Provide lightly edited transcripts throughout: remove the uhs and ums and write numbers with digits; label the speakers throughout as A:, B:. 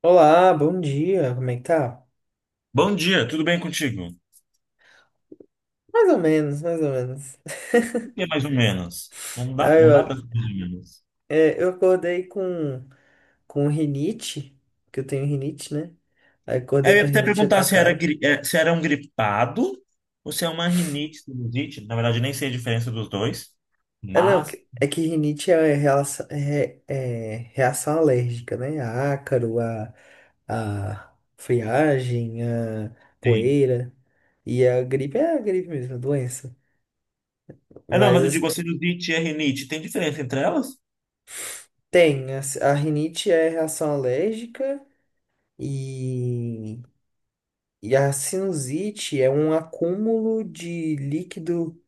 A: Olá, bom dia, como é que tá?
B: Bom dia, tudo bem contigo?
A: Mais ou menos, mais ou menos.
B: Por que é mais ou menos? Não
A: Ah,
B: dá, não dá para
A: eu,
B: mais ou menos.
A: é, eu acordei com rinite, que eu tenho rinite, né? Aí
B: É,
A: acordei
B: eu ia
A: com a
B: até
A: rinite
B: perguntar se era,
A: atacada.
B: se era um gripado ou se é uma rinite, sinusite. Na verdade, nem sei a diferença dos dois,
A: É, não,
B: mas
A: é que rinite é, relação, é, é é reação alérgica, né? A ácaro, a, friagem, a
B: sim.
A: poeira. E a gripe é a gripe mesmo, a doença.
B: É, não,
A: Mas
B: mas eu digo, a
A: assim,
B: sinusite e a rinite, tem diferença entre elas?
A: tem, a, a rinite é reação alérgica e. E a sinusite é um acúmulo de líquido,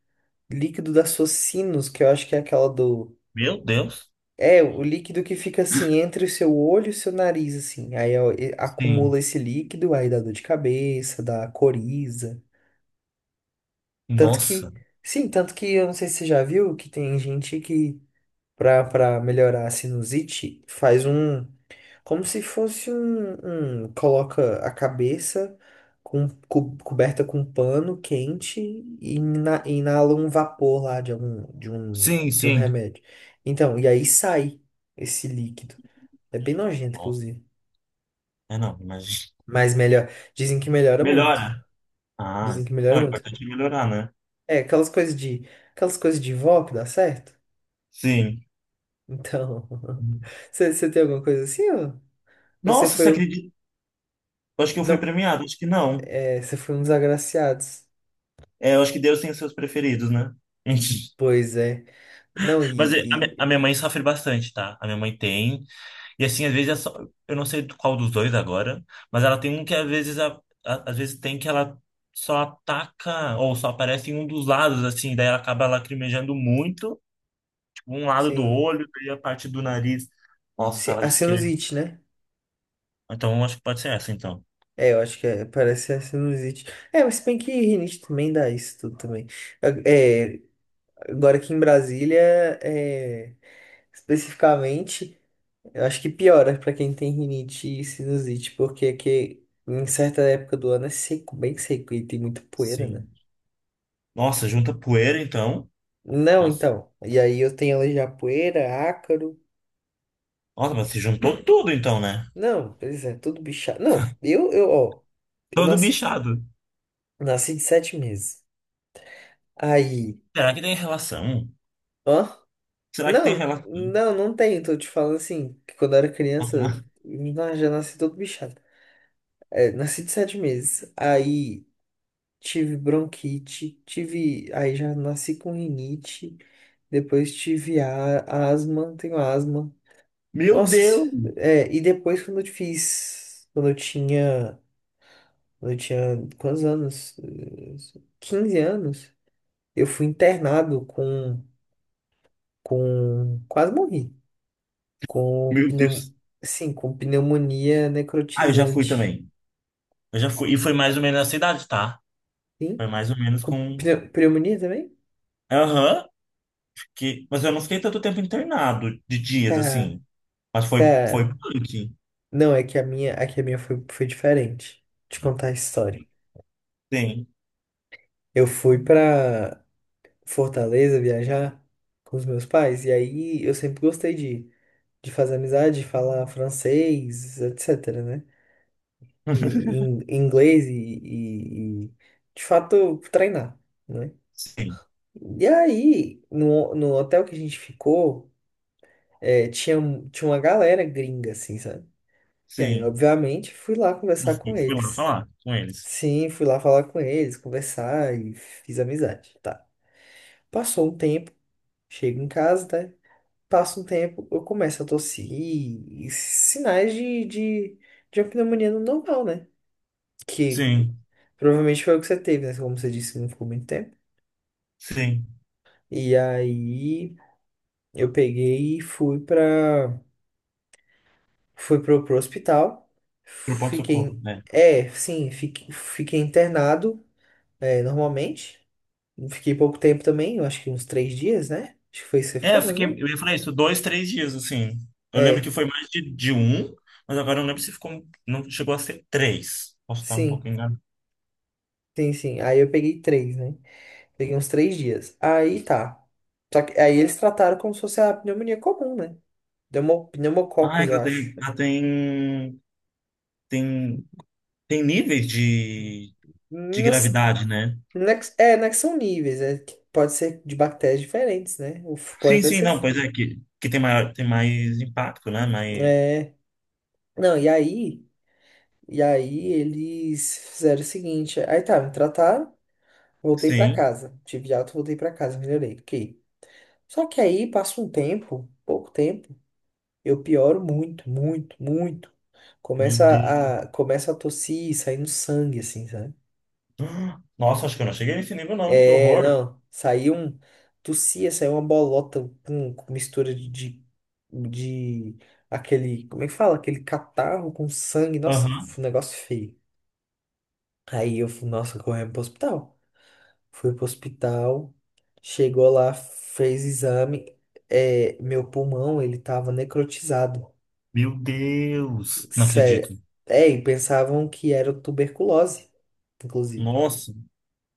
A: líquido da sua sinus, que eu acho que é aquela do.
B: Meu Deus.
A: É, o líquido que fica assim entre o seu olho e o seu nariz, assim. Aí ó,
B: Sim.
A: acumula esse líquido, aí dá dor de cabeça, dá coriza. Tanto que,
B: Nossa.
A: sim, tanto que eu não sei se você já viu que tem gente que, pra melhorar a sinusite, faz um. Como se fosse um, coloca a cabeça coberta com pano quente e inala um vapor lá de algum de um,
B: Sim,
A: de um
B: sim.
A: remédio. Então, e aí sai esse líquido. É bem nojento,
B: Nossa.
A: inclusive.
B: É, não, imagina.
A: Mas melhor, dizem que melhora muito.
B: Melhora. Ah,
A: Dizem que melhora
B: ó, é
A: muito.
B: importante melhorar, né?
A: É, aquelas coisas de vó que dá certo.
B: Sim.
A: Então, você tem alguma coisa assim, ó? Ou você
B: Nossa, você
A: foi o,
B: acredita? Eu acho que eu fui
A: não,
B: premiado, acho que não.
A: você foi um dos agraciados?
B: É, eu acho que Deus tem os seus preferidos, né?
A: Pois é. Não,
B: Mas a a minha mãe sofre bastante, tá? A minha mãe tem. E assim, às vezes, é só, eu não sei qual dos dois agora, mas ela tem um que às vezes, às vezes tem que ela só ataca ou só aparece em um dos lados, assim, daí ela acaba lacrimejando muito, tipo, um lado do
A: sim.
B: olho, daí a parte do nariz. Nossa, ela
A: A
B: disse que é.
A: sinusite, né?
B: Então, acho que pode ser essa, então.
A: É, eu acho que é, parece ser a sinusite. É, mas se bem que rinite também dá isso tudo também. É, agora aqui em Brasília, é, especificamente, eu acho que piora pra quem tem rinite e sinusite, porque aqui em certa época do ano é seco, bem seco, e tem muita poeira, né?
B: Sim. Nossa, junta poeira, então.
A: Não,
B: Nossa,
A: então. E aí eu tenho alergia à poeira, ácaro.
B: nossa, mas se juntou tudo, então, né?
A: Não, pois é, tudo bichado. Não, eu, ó. Eu
B: Todo
A: nasci.
B: bichado.
A: Nasci de 7 meses. Aí.
B: Será que tem relação?
A: Hã?
B: Será que tem
A: Não,
B: relação?
A: não, não tem. Tô te falando assim, que quando eu era criança,
B: Aham.
A: já nasci todo bichado. É, nasci de 7 meses. Aí tive bronquite, tive. Aí já nasci com rinite. Depois tive a, asma, tenho asma.
B: Meu
A: Nossa,
B: Deus!
A: e depois quando eu fiz. Quando eu tinha. Quando eu tinha quantos anos? 15 anos, eu fui internado com. Com. Quase morri. Com
B: Meu
A: pneu...
B: Deus.
A: Sim, com pneumonia
B: Ah, eu já fui
A: necrotizante.
B: também. Eu já fui. E foi mais ou menos na cidade, tá? Foi
A: Sim?
B: mais ou menos
A: Com
B: com.
A: pneumonia também?
B: Aham. Que... mas eu não fiquei tanto tempo internado de dias,
A: Cara,
B: assim. Mas foi, foi
A: cara.
B: punk.
A: Não, é que a minha foi diferente. Te contar a história.
B: Sim,
A: Eu fui pra Fortaleza viajar com os meus pais, e aí eu sempre gostei de fazer amizade, de falar francês, etc, né? E, inglês e, de fato, treinar, né?
B: sim,
A: E aí, no hotel que a gente ficou, É, tinha, tinha uma galera gringa, assim, sabe? E aí,
B: sim.
A: obviamente, fui lá
B: Eu
A: conversar com
B: fui, fui lá
A: eles.
B: falar com eles.
A: Sim, fui lá falar com eles, conversar e fiz amizade, tá? Passou um tempo, chego em casa, né? Passa um tempo, eu começo a tossir e sinais de uma pneumonia normal, né? Que
B: Sim,
A: provavelmente foi o que você teve, né? Como você disse, não ficou muito tempo.
B: sim.
A: E aí, eu peguei e fui pro hospital,
B: Pro pronto-socorro,
A: fiquei,
B: né?
A: sim, fiquei internado, normalmente. Fiquei pouco tempo também, eu acho que uns 3 dias, né? Acho que foi isso que você
B: É, eu
A: ficou, mais ou
B: fiquei.
A: menos.
B: Eu ia falar isso, dois, três dias, assim. Eu lembro que
A: É,
B: foi mais de um, mas agora eu não lembro se ficou. Não chegou a ser três. Posso estar um pouco
A: sim,
B: enganado.
A: sim, sim. Aí eu peguei três, né? Peguei uns 3 dias. Aí tá. Só que aí eles trataram como se fosse a pneumonia comum, né?
B: Ah,
A: Pneumococcus, eu
B: ela tem,
A: acho.
B: tem, tem níveis de
A: Nos,
B: gravidade, né?
A: não não é que são níveis, é que pode ser de bactérias diferentes, né? Pode
B: Sim,
A: até
B: sim,
A: ser
B: não, pois
A: fungo.
B: é, que tem maior, tem mais impacto, né? Mas,
A: É. Não, e aí. E aí eles fizeram o seguinte, aí tá, me trataram, voltei pra
B: sim,
A: casa, tive alta, voltei pra casa, melhorei, ok. Só que aí passa um tempo, pouco tempo, eu pioro muito, muito, muito.
B: meu
A: Começa
B: Deus.
A: começa a tossir, saindo sangue, assim, sabe?
B: Ah, nossa, acho que eu não cheguei nesse nível, não, que
A: É,
B: horror.
A: não, tossia, saiu uma bolota com mistura de aquele, como é que fala? Aquele catarro com sangue, nossa,
B: Aham.
A: um negócio feio. Aí eu fui, nossa, correndo pro hospital. Fui pro hospital, chegou lá, fez exame. É, meu pulmão, ele tava necrotizado.
B: Meu Deus, não
A: Sério.
B: acredito.
A: É, e pensavam que era tuberculose, inclusive.
B: Nossa.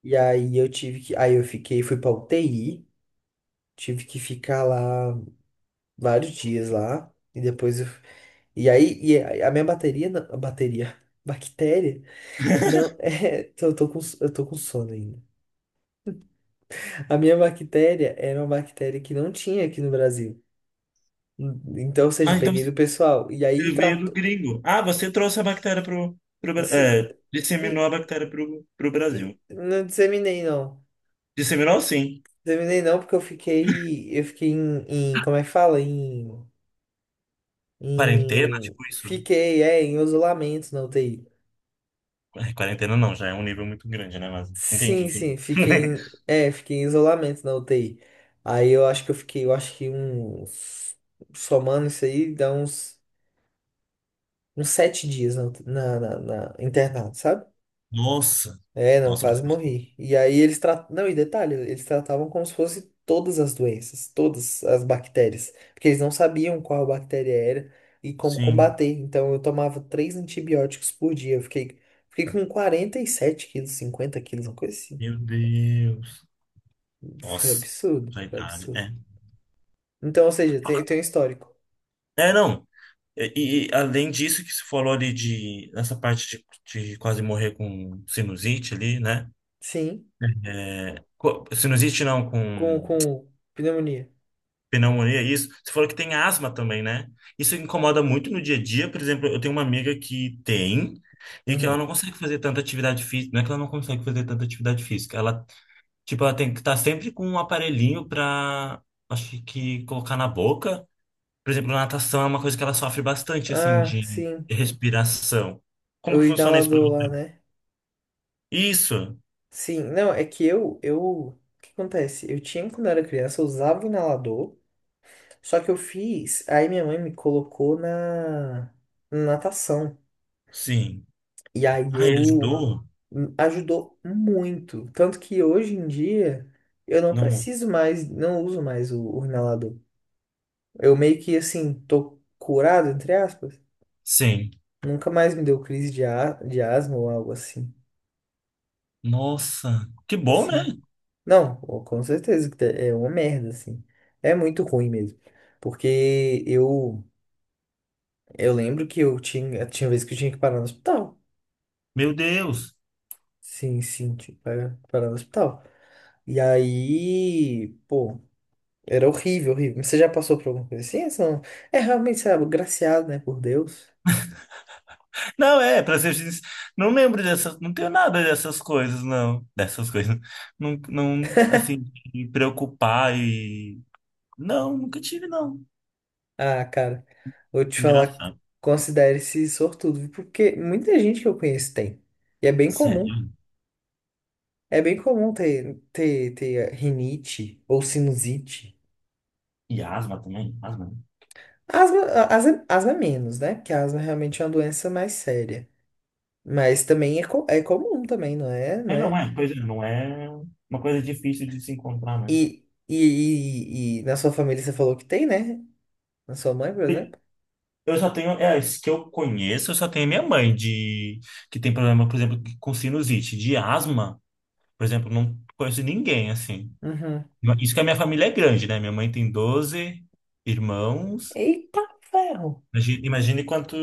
A: E aí eu tive que. Aí eu fiquei, fui pra UTI, tive que ficar lá vários dias lá. E depois eu. E aí, e a minha bateria, não- a bateria, bactéria, não, eu tô com sono ainda. A minha bactéria era uma bactéria que não tinha aqui no Brasil. Então, ou seja, eu
B: Mas então
A: peguei do pessoal. E aí
B: você veio do
A: tratou.
B: gringo. Ah, você trouxe a bactéria pro,
A: Se,
B: é,
A: e,
B: disseminou a bactéria pro, pro
A: e
B: Brasil.
A: não disseminei, não.
B: Disseminou, sim.
A: Disseminei não, porque eu fiquei. Eu fiquei como é que fala? Em,
B: Quarentena,
A: em.
B: tipo isso.
A: Fiquei, em isolamento na UTI.
B: É, quarentena não, já é um nível muito grande, né? Mas entendi,
A: Sim,
B: entendi.
A: sim, fiquei em. É, fiquei em isolamento na UTI. Aí eu acho que eu fiquei, eu acho que uns. Somando isso aí, dá uns 7 dias na internado, sabe?
B: Nossa!
A: É, não,
B: Nossa,
A: quase morri. E aí eles tratavam. Não, e detalhe, eles tratavam como se fosse todas as doenças, todas as bactérias. Porque eles não sabiam qual bactéria era e como
B: sim.
A: combater. Então eu tomava três antibióticos por dia. Eu fiquei com 47 quilos, 50 quilos, uma coisa assim.
B: Meu Deus.
A: Foi
B: Nossa,
A: absurdo,
B: já a
A: foi
B: idade.
A: absurdo.
B: É.
A: Então, ou seja, tem um histórico.
B: É, não. E, e além disso que você falou ali de nessa parte de quase morrer com sinusite ali, né?
A: Sim,
B: Sinusite não,
A: com,
B: com
A: com pneumonia.
B: pneumonia, isso. Você falou que tem asma também, né? Isso incomoda muito no dia a dia. Por exemplo, eu tenho uma amiga que tem e que ela
A: Uhum.
B: não consegue fazer tanta atividade física. Não é que ela não consegue fazer tanta atividade física. Ela tipo, ela tem que estar sempre com um aparelhinho pra, acho que, colocar na boca. Por exemplo, natação é uma coisa que ela sofre bastante, assim,
A: Ah,
B: de
A: sim.
B: respiração. Como
A: O
B: que funciona isso pra
A: inalador lá,
B: você?
A: né?
B: Isso,
A: Sim, não, é que eu, o que acontece? Eu tinha quando era criança, eu usava o inalador, só que eu fiz, aí minha mãe me colocou na natação.
B: sim.
A: E aí
B: Ah, ele
A: eu
B: ajudou?
A: ajudou muito, tanto que hoje em dia eu não
B: Não.
A: preciso mais, não uso mais o inalador. Eu meio que assim, tô curado, entre aspas.
B: Sim.
A: Nunca mais me deu crise de, a, de asma ou algo assim.
B: Nossa, que bom, né?
A: Sim. Não, com certeza que é uma merda, assim. É muito ruim mesmo. Porque eu lembro que eu tinha, vez que eu tinha que parar no hospital.
B: Meu Deus.
A: Sim, sim, tinha que parar, parar no hospital. E aí, pô, era horrível, horrível. Mas você já passou por alguma coisa assim? Essa não- É realmente, sabe, agraciado, né, por Deus.
B: Não, é, pra ser sincero, não lembro dessas, não tenho nada dessas coisas, não. Dessas coisas. Não, não, assim, de me preocupar e... não, nunca tive, não.
A: Ah, cara, vou te
B: Que
A: falar,
B: engraçado.
A: considere-se sortudo, porque muita gente que eu conheço tem. E é bem comum. É bem comum ter rinite ou sinusite.
B: E asma também? Asma? Né?
A: Asma, asma, é menos, né? Porque a asma realmente é uma doença mais séria. Mas também é, é comum também, não é?
B: É,
A: Não
B: não
A: é?
B: é. Pois é, não é uma coisa difícil de se encontrar, né?
A: E na sua família você falou que tem, né? Na sua mãe, por exemplo?
B: Eu só tenho, é, as que eu conheço, eu só tenho minha mãe de que tem problema, por exemplo, com sinusite, de asma, por exemplo, não conheço ninguém assim.
A: Uhum.
B: Isso que a minha família é grande, né? Minha mãe tem 12 irmãos.
A: Eita ferro!
B: Imagine quanto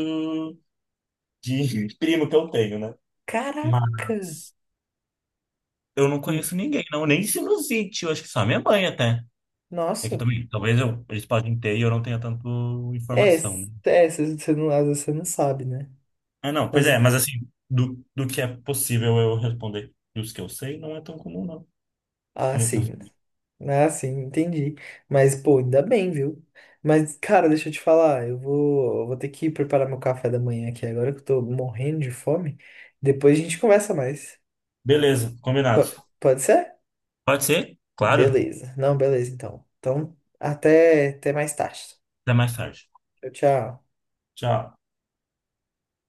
B: de primo que eu tenho, né?
A: Caraca!
B: Mas eu não
A: Hum,
B: conheço ninguém, não, nem sinusite, eu acho que só minha mãe até. É que
A: Nossa!
B: também, talvez eu, eles podem ter e eu não tenha tanto
A: É,
B: informação, né?
A: você não, às vezes você não sabe, né?
B: Ah, não, pois é, mas assim, do, do que é possível eu responder e os que eu sei, não é tão comum, não.
A: Ah,
B: No-
A: sim.
B: no-
A: Ah, sim, entendi. Mas, pô, ainda bem, viu? Mas, cara, deixa eu te falar, eu vou ter que preparar meu café da manhã aqui agora que eu tô morrendo de fome. Depois a gente conversa mais.
B: Beleza, combinado.
A: Pode ser?
B: Pode ser? Claro.
A: Beleza. Não, beleza, então. Então, até mais tarde.
B: Até mais tarde.
A: Tchau, tchau.
B: Tchau.